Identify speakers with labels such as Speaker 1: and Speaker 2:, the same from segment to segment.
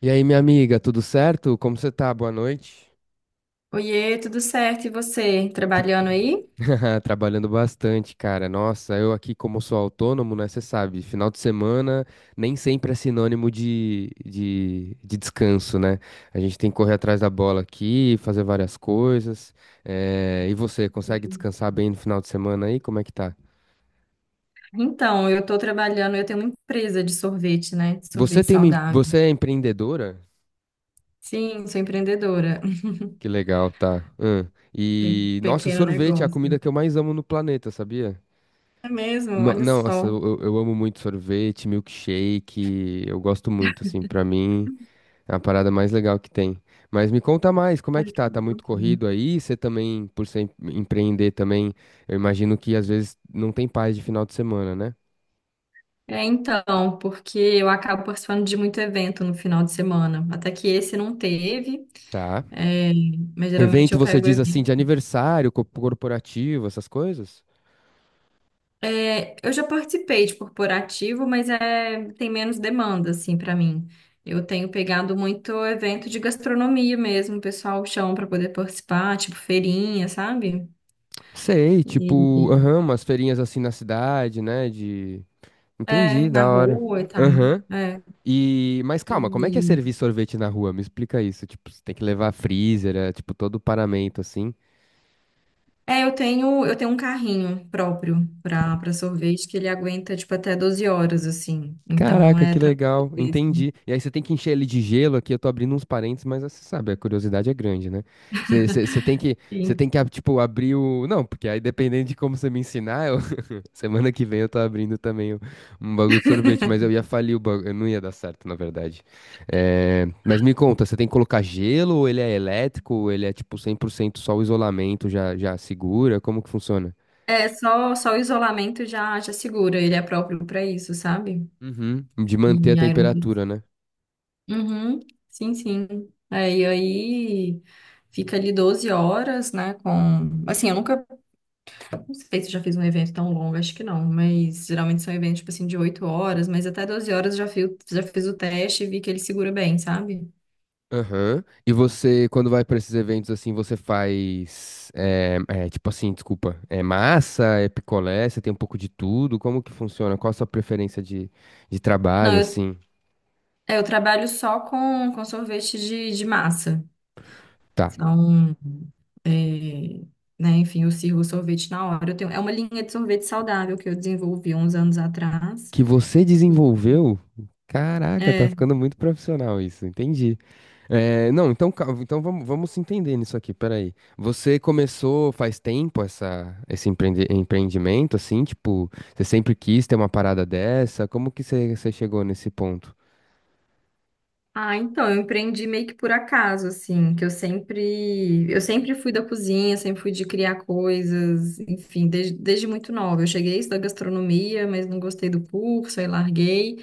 Speaker 1: E aí, minha amiga, tudo certo? Como você tá? Boa noite.
Speaker 2: Oiê, tudo certo? E você,
Speaker 1: Tu-
Speaker 2: trabalhando aí?
Speaker 1: Trabalhando bastante, cara. Nossa, eu aqui, como sou autônomo, né? Você sabe, final de semana nem sempre é sinônimo de descanso, né? A gente tem que correr atrás da bola aqui, fazer várias coisas. E você, consegue descansar bem no final de semana aí? Como é que tá?
Speaker 2: Então, eu estou trabalhando, eu tenho uma empresa de sorvete, né? De
Speaker 1: Você
Speaker 2: sorvete
Speaker 1: tem uma...
Speaker 2: saudável.
Speaker 1: Você é empreendedora?
Speaker 2: Sim, sou empreendedora.
Speaker 1: Que legal, tá. Hum.
Speaker 2: Tenho um
Speaker 1: E, nossa,
Speaker 2: pequeno
Speaker 1: sorvete é a comida
Speaker 2: negócio.
Speaker 1: que eu mais amo no planeta, sabia?
Speaker 2: É mesmo, olha
Speaker 1: Não, nossa, eu,
Speaker 2: só.
Speaker 1: eu eu amo muito sorvete, milkshake, eu gosto muito, assim, pra mim é a parada mais legal que tem. Mas me conta mais, como é
Speaker 2: Ai,
Speaker 1: que tá?
Speaker 2: que
Speaker 1: Tá muito
Speaker 2: bom.
Speaker 1: corrido aí? Você também, por ser empreender também, eu imagino que às vezes não tem paz de final de semana, né?
Speaker 2: É, então, porque eu acabo participando de muito evento no final de semana. Até que esse não teve,
Speaker 1: Tá.
Speaker 2: é, mas geralmente
Speaker 1: Evento,
Speaker 2: eu
Speaker 1: você
Speaker 2: pego
Speaker 1: diz assim, de
Speaker 2: evento.
Speaker 1: aniversário, corporativo, essas coisas?
Speaker 2: É, eu já participei de corporativo, mas é, tem menos demanda, assim, para mim. Eu tenho pegado muito evento de gastronomia mesmo, o pessoal chama para poder participar, tipo feirinha, sabe?
Speaker 1: Sei, tipo,
Speaker 2: E-
Speaker 1: aham, umas feirinhas assim na cidade, né? De...
Speaker 2: é,
Speaker 1: Entendi,
Speaker 2: na
Speaker 1: da hora.
Speaker 2: rua e tal.
Speaker 1: Aham.
Speaker 2: É,
Speaker 1: E, mas calma, como é que é
Speaker 2: e,
Speaker 1: servir sorvete na rua? Me explica isso. Tipo, você tem que levar freezer, é, tipo, todo o paramento assim.
Speaker 2: é, eu tenho um carrinho próprio para sorvete que ele aguenta, tipo, até 12 horas, assim. Então,
Speaker 1: Caraca,
Speaker 2: é
Speaker 1: que
Speaker 2: tranquilo.
Speaker 1: legal,
Speaker 2: Isso.
Speaker 1: entendi. E aí você tem que encher ele de gelo aqui. Eu tô abrindo uns parênteses, mas você sabe, a curiosidade é grande, né? Você tem que, você
Speaker 2: Sim.
Speaker 1: tem que, ah, tipo, abrir o. Não, porque aí dependendo de como você me ensinar, eu, semana que vem eu tô abrindo também um bagulho de sorvete, mas eu ia falir o bagulho, eu não ia dar certo, na verdade. É, mas me conta, você tem que colocar gelo ou ele é elétrico, ou ele é tipo 100% só o isolamento já segura? Como que funciona?
Speaker 2: É, só o isolamento já, já segura, ele é próprio para isso, sabe?
Speaker 1: Uhum, de manter
Speaker 2: Em
Speaker 1: a
Speaker 2: Iron Fist.
Speaker 1: temperatura, né?
Speaker 2: Uhum, sim, sim. É, e aí fica ali 12 horas, né? Com. Assim, eu nunca. Não sei se eu já fiz um evento tão longo, acho que não. Mas geralmente são eventos, tipo assim, de 8 horas, mas até 12 horas eu já fiz o teste e vi que ele segura bem, sabe?
Speaker 1: Aham. E você, quando vai pra esses eventos assim, você faz, tipo assim, desculpa, é massa, é picolé, você tem um pouco de tudo, como que funciona? Qual a sua preferência de
Speaker 2: Não,
Speaker 1: trabalho,
Speaker 2: eu,
Speaker 1: assim?
Speaker 2: é, eu trabalho só com sorvete de massa.
Speaker 1: Tá.
Speaker 2: São. É, né, enfim, eu sirvo sorvete na hora. Eu tenho, é uma linha de sorvete saudável que eu desenvolvi uns anos atrás.
Speaker 1: Que você desenvolveu? Caraca, tá ficando muito profissional isso, entendi. É, não, então, então vamos, vamos se entender nisso aqui, peraí. Você começou faz tempo essa, esse empreendimento, assim, tipo, você sempre quis ter uma parada dessa? Como que você, você chegou nesse ponto?
Speaker 2: Ah, então, eu empreendi meio que por acaso, assim, que eu sempre fui da cozinha, sempre fui de criar coisas, enfim, desde muito nova. Eu cheguei a estudar gastronomia, mas não gostei do curso, aí larguei,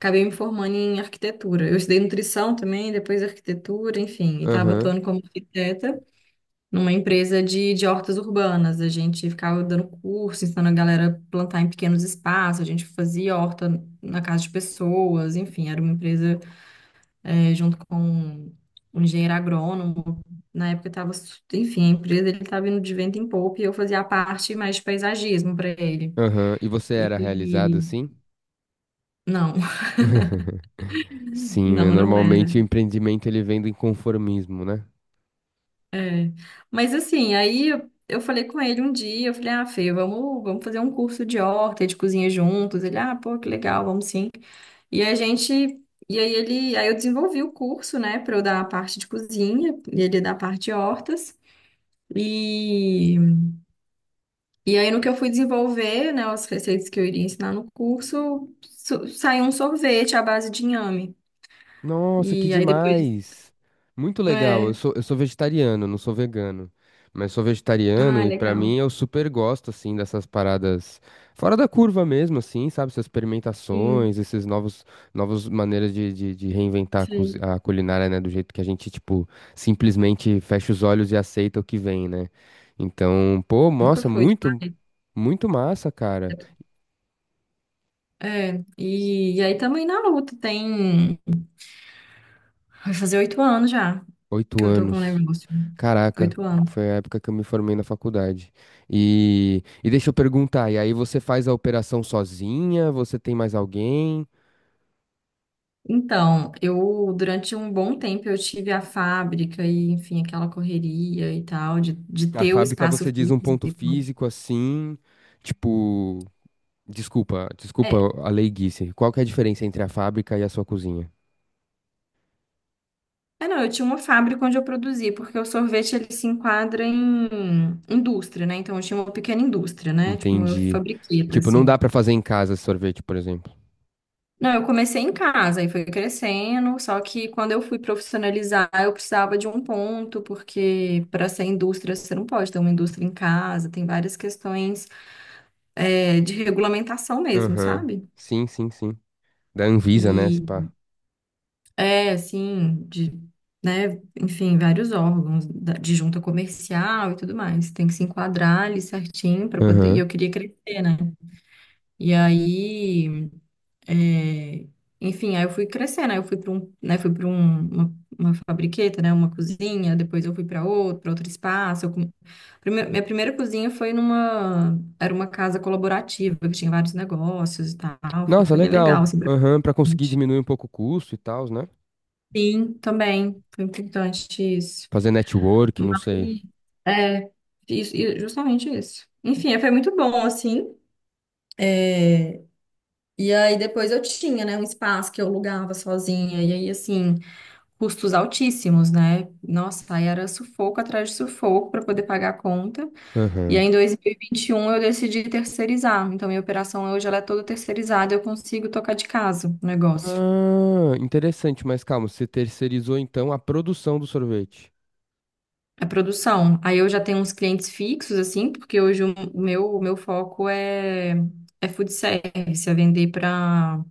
Speaker 2: acabei me formando em arquitetura. Eu estudei nutrição também, depois arquitetura, enfim, e estava
Speaker 1: Aham,
Speaker 2: atuando como arquiteta numa empresa de hortas urbanas. A gente ficava dando curso, ensinando a galera a plantar em pequenos espaços, a gente fazia horta na casa de pessoas, enfim, era uma empresa é, junto com um engenheiro agrônomo. Na época estava, enfim, a empresa ele estava indo de vento em popa e eu fazia a parte mais de paisagismo para ele.
Speaker 1: aham. E você era
Speaker 2: E
Speaker 1: realizado assim?
Speaker 2: não,
Speaker 1: Sim, é,
Speaker 2: não era.
Speaker 1: normalmente o empreendimento ele vem do inconformismo, né?
Speaker 2: É. Mas assim, aí eu falei com ele um dia, eu falei, ah, Fê, vamos, vamos fazer um curso de horta, e de cozinha juntos. Ele, ah, pô, que legal, vamos sim. E a gente, e aí ele, aí eu desenvolvi o curso, né, para eu dar a parte de cozinha e ele dar a parte de hortas. E E aí, no que eu fui desenvolver, né, as receitas que eu iria ensinar no curso, saiu um sorvete à base de inhame.
Speaker 1: Nossa, que
Speaker 2: E aí depois.
Speaker 1: demais! Muito legal. Eu
Speaker 2: É.
Speaker 1: sou, eu sou vegetariano, não sou vegano. Mas sou vegetariano
Speaker 2: Ah,
Speaker 1: e pra
Speaker 2: legal.
Speaker 1: mim eu super gosto, assim, dessas paradas fora da curva mesmo, assim, sabe? Essas
Speaker 2: Sim,
Speaker 1: experimentações, esses novos, novas maneiras de reinventar a,
Speaker 2: sei.
Speaker 1: a culinária, né? Do jeito que a gente, tipo, simplesmente fecha os olhos e aceita o que vem, né? Então, pô,
Speaker 2: Nunca
Speaker 1: nossa,
Speaker 2: foi de
Speaker 1: muito,
Speaker 2: marmita.
Speaker 1: muito massa, cara.
Speaker 2: É. E, e aí também na luta, tem. Vai fazer 8 anos já
Speaker 1: Oito
Speaker 2: que eu tô com o
Speaker 1: anos.
Speaker 2: negócio.
Speaker 1: Caraca,
Speaker 2: 8 anos.
Speaker 1: foi a época que eu me formei na faculdade. E deixa eu perguntar, e aí você faz a operação sozinha? Você tem mais alguém?
Speaker 2: Então, eu durante um bom tempo eu tive a fábrica e, enfim, aquela correria e tal, de
Speaker 1: A
Speaker 2: ter o
Speaker 1: fábrica
Speaker 2: espaço
Speaker 1: você diz um ponto
Speaker 2: físico.
Speaker 1: físico assim, tipo, desculpa
Speaker 2: É,
Speaker 1: a leiguice. Qual que é a diferença entre a fábrica e a sua cozinha?
Speaker 2: É, não, eu tinha uma fábrica onde eu produzia, porque o sorvete ele se enquadra em indústria, né? Então eu tinha uma pequena indústria, né? Tipo uma
Speaker 1: Entendi.
Speaker 2: fabriqueta,
Speaker 1: Tipo, não dá
Speaker 2: assim.
Speaker 1: pra fazer em casa esse sorvete, por exemplo.
Speaker 2: Não, eu comecei em casa e foi crescendo, só que quando eu fui profissionalizar, eu precisava de um ponto, porque para ser indústria você não pode ter uma indústria em casa, tem várias questões, é, de regulamentação mesmo,
Speaker 1: Aham.
Speaker 2: sabe?
Speaker 1: Sim, sim, sim. Da Anvisa, né, se pá.
Speaker 2: É, assim, de, né, enfim, vários órgãos de junta comercial e tudo mais. Tem que se enquadrar ali certinho para poder. E
Speaker 1: Aham.
Speaker 2: eu queria crescer, né? E aí, é, enfim, aí eu fui crescendo, aí eu fui para um, né, fui para um, uma fabriqueta, né, uma cozinha, depois eu fui para outro espaço. Minha primeira cozinha foi numa, era uma casa colaborativa, que tinha vários negócios e tal. Foi,
Speaker 1: Nossa,
Speaker 2: foi bem
Speaker 1: legal.
Speaker 2: legal, assim, pra
Speaker 1: Aham, pra conseguir
Speaker 2: gente.
Speaker 1: diminuir um pouco o custo e tal, né?
Speaker 2: Sim, também. Foi importante isso.
Speaker 1: Fazer network,
Speaker 2: Mas,
Speaker 1: não sei.
Speaker 2: é, isso, e justamente isso. Enfim, é, foi muito bom, assim. É, e aí depois eu tinha, né, um espaço que eu alugava sozinha, e aí, assim, custos altíssimos, né? Nossa, aí era sufoco atrás de sufoco para poder pagar a conta. E
Speaker 1: Aham.
Speaker 2: aí em 2021 eu decidi terceirizar. Então, minha operação hoje ela é toda terceirizada, eu consigo tocar de casa o negócio.
Speaker 1: Ah, interessante, mas calma, você terceirizou então a produção do sorvete,
Speaker 2: É produção. Aí eu já tenho uns clientes fixos, assim, porque hoje o meu foco é, é food service, é vender para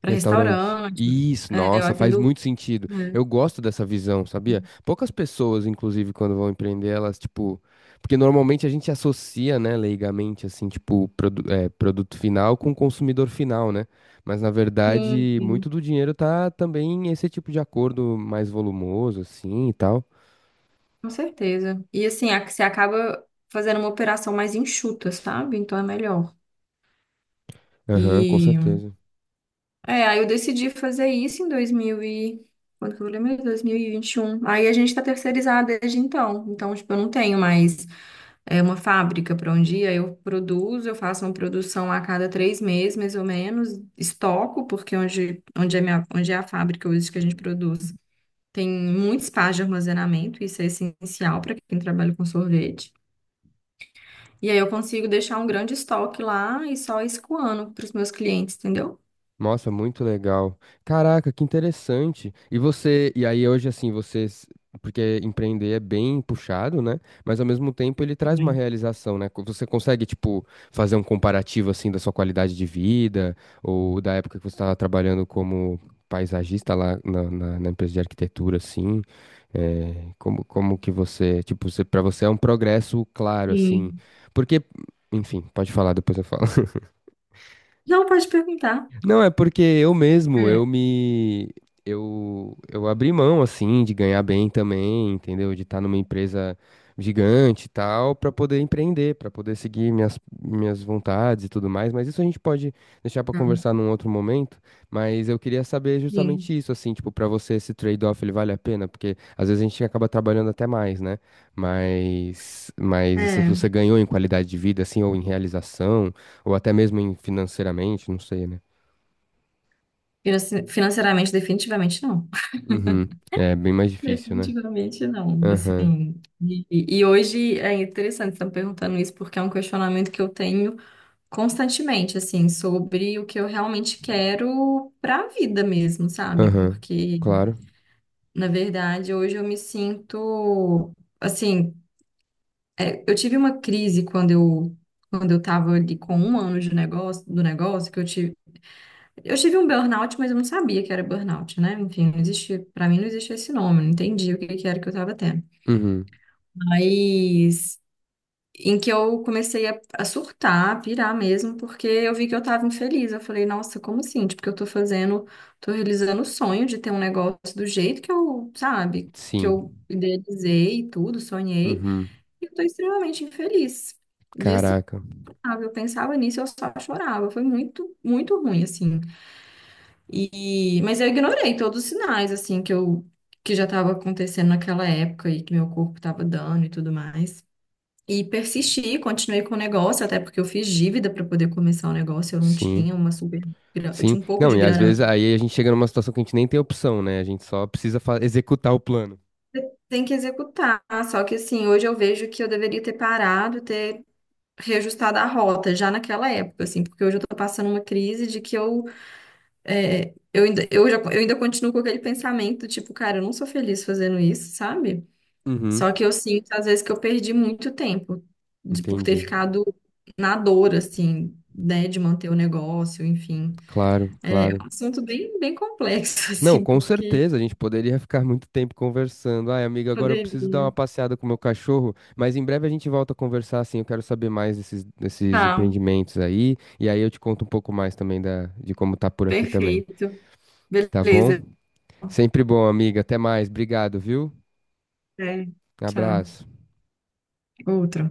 Speaker 2: para
Speaker 1: restaurante.
Speaker 2: restaurante.
Speaker 1: Isso,
Speaker 2: É, eu
Speaker 1: nossa, faz
Speaker 2: atendo.
Speaker 1: muito sentido.
Speaker 2: É,
Speaker 1: Eu gosto dessa visão, sabia? Poucas pessoas, inclusive, quando vão empreender, elas, tipo. Porque normalmente a gente associa, né, leigamente, assim, tipo, produto final com consumidor final, né? Mas na
Speaker 2: sim,
Speaker 1: verdade,
Speaker 2: sim,
Speaker 1: muito do dinheiro tá também esse tipo de acordo mais volumoso, assim e tal.
Speaker 2: com certeza. E assim, você acaba fazendo uma operação mais enxuta, sabe? Então é melhor.
Speaker 1: Aham, com
Speaker 2: E
Speaker 1: certeza.
Speaker 2: é, aí eu decidi fazer isso em 2000 e... Quando que eu lembro? 2021. Aí a gente tá terceirizado desde então. Então, tipo, eu não tenho mais. É uma fábrica para um dia. Eu produzo, eu faço uma produção a cada 3 meses, mais ou menos, estoco, porque onde, é, minha, onde é a fábrica hoje que a gente produz, tem muito espaço de armazenamento, isso é essencial para quem trabalha com sorvete. E aí eu consigo deixar um grande estoque lá e só escoando para os meus clientes, entendeu?
Speaker 1: Nossa, muito legal. Caraca, que interessante. E você, e aí hoje assim, vocês, porque empreender é bem puxado, né? Mas ao mesmo tempo ele traz uma
Speaker 2: Sim.
Speaker 1: realização, né? Você consegue, tipo, fazer um comparativo assim da sua qualidade de vida ou da época que você estava trabalhando como paisagista lá na, na empresa de arquitetura, assim, é, como, como que você, tipo, você, para você é um progresso claro, assim,
Speaker 2: Sim.
Speaker 1: porque, enfim, pode falar, depois eu falo.
Speaker 2: Não, pode perguntar.
Speaker 1: Não, é porque eu mesmo,
Speaker 2: É,
Speaker 1: eu me. Eu abri mão, assim, de ganhar bem também, entendeu? De estar numa empresa gigante e tal, para poder empreender, para poder seguir minhas, minhas vontades e tudo mais. Mas isso a gente pode deixar para
Speaker 2: tá.
Speaker 1: conversar num outro momento. Mas eu queria saber
Speaker 2: Sim.
Speaker 1: justamente isso, assim, tipo, para você esse trade-off ele vale a pena? Porque às vezes a gente acaba trabalhando até mais, né? Mas se
Speaker 2: É,
Speaker 1: você ganhou em qualidade de vida, assim, ou em realização, ou até mesmo em financeiramente, não sei, né?
Speaker 2: financeiramente, definitivamente não.
Speaker 1: Uhum. É bem mais difícil, né?
Speaker 2: Definitivamente não. Assim,
Speaker 1: Aham,
Speaker 2: E, e hoje é interessante estar perguntando isso, porque é um questionamento que eu tenho constantemente, assim, sobre o que eu realmente quero para a vida mesmo, sabe?
Speaker 1: aham,
Speaker 2: Porque,
Speaker 1: claro.
Speaker 2: na verdade, hoje eu me sinto, assim, é, eu tive uma crise quando eu estava ali com um ano de negócio, do negócio, que eu tive um burnout, mas eu não sabia que era burnout, né? Enfim, não existia, para mim não existia esse nome, eu não entendi o que que era que eu estava tendo.
Speaker 1: Uhum.
Speaker 2: Mas em que eu comecei a surtar, a pirar mesmo, porque eu vi que eu tava infeliz. Eu falei, nossa, como assim? Tipo, que eu tô fazendo, tô realizando o sonho de ter um negócio do jeito que eu, sabe, que eu
Speaker 1: Sim.
Speaker 2: idealizei e tudo, sonhei,
Speaker 1: Uhum.
Speaker 2: e eu tô extremamente infeliz. E assim,
Speaker 1: Caraca.
Speaker 2: sabe, eu pensava nisso, eu só chorava. Foi muito, muito ruim, assim. E, mas eu ignorei todos os sinais, assim, que eu, que já tava acontecendo naquela época e que meu corpo tava dando e tudo mais. E persisti, continuei com o negócio, até porque eu fiz dívida para poder começar o negócio, eu não
Speaker 1: Sim,
Speaker 2: tinha uma super. Eu
Speaker 1: sim.
Speaker 2: tinha um pouco
Speaker 1: Não,
Speaker 2: de
Speaker 1: e às
Speaker 2: grana.
Speaker 1: vezes aí a gente chega numa situação que a gente nem tem opção, né? A gente só precisa executar o plano.
Speaker 2: Você tem que executar, só que assim, hoje eu vejo que eu deveria ter parado, ter reajustado a rota já naquela época, assim, porque hoje eu tô passando uma crise de que eu, é, eu ainda, eu já, eu ainda continuo com aquele pensamento, tipo, cara, eu não sou feliz fazendo isso, sabe?
Speaker 1: Uhum.
Speaker 2: Só que eu sinto, às vezes, que eu perdi muito tempo de, por ter
Speaker 1: Entendi.
Speaker 2: ficado na dor, assim, né, de manter o negócio, enfim.
Speaker 1: Claro,
Speaker 2: É
Speaker 1: claro.
Speaker 2: um assunto bem, bem complexo,
Speaker 1: Não,
Speaker 2: assim,
Speaker 1: com
Speaker 2: porque
Speaker 1: certeza, a gente poderia ficar muito tempo conversando. Ai, amiga, agora eu preciso dar uma
Speaker 2: poderia.
Speaker 1: passeada com o meu cachorro, mas em breve a gente volta a conversar, assim, eu quero saber mais desses, desses
Speaker 2: Tá,
Speaker 1: empreendimentos aí, e aí eu te conto um pouco mais também da, de como tá por aqui também,
Speaker 2: perfeito.
Speaker 1: tá bom?
Speaker 2: Beleza.
Speaker 1: Sempre bom, amiga, até mais, obrigado, viu?
Speaker 2: É, tchau.
Speaker 1: Abraço.
Speaker 2: Outro.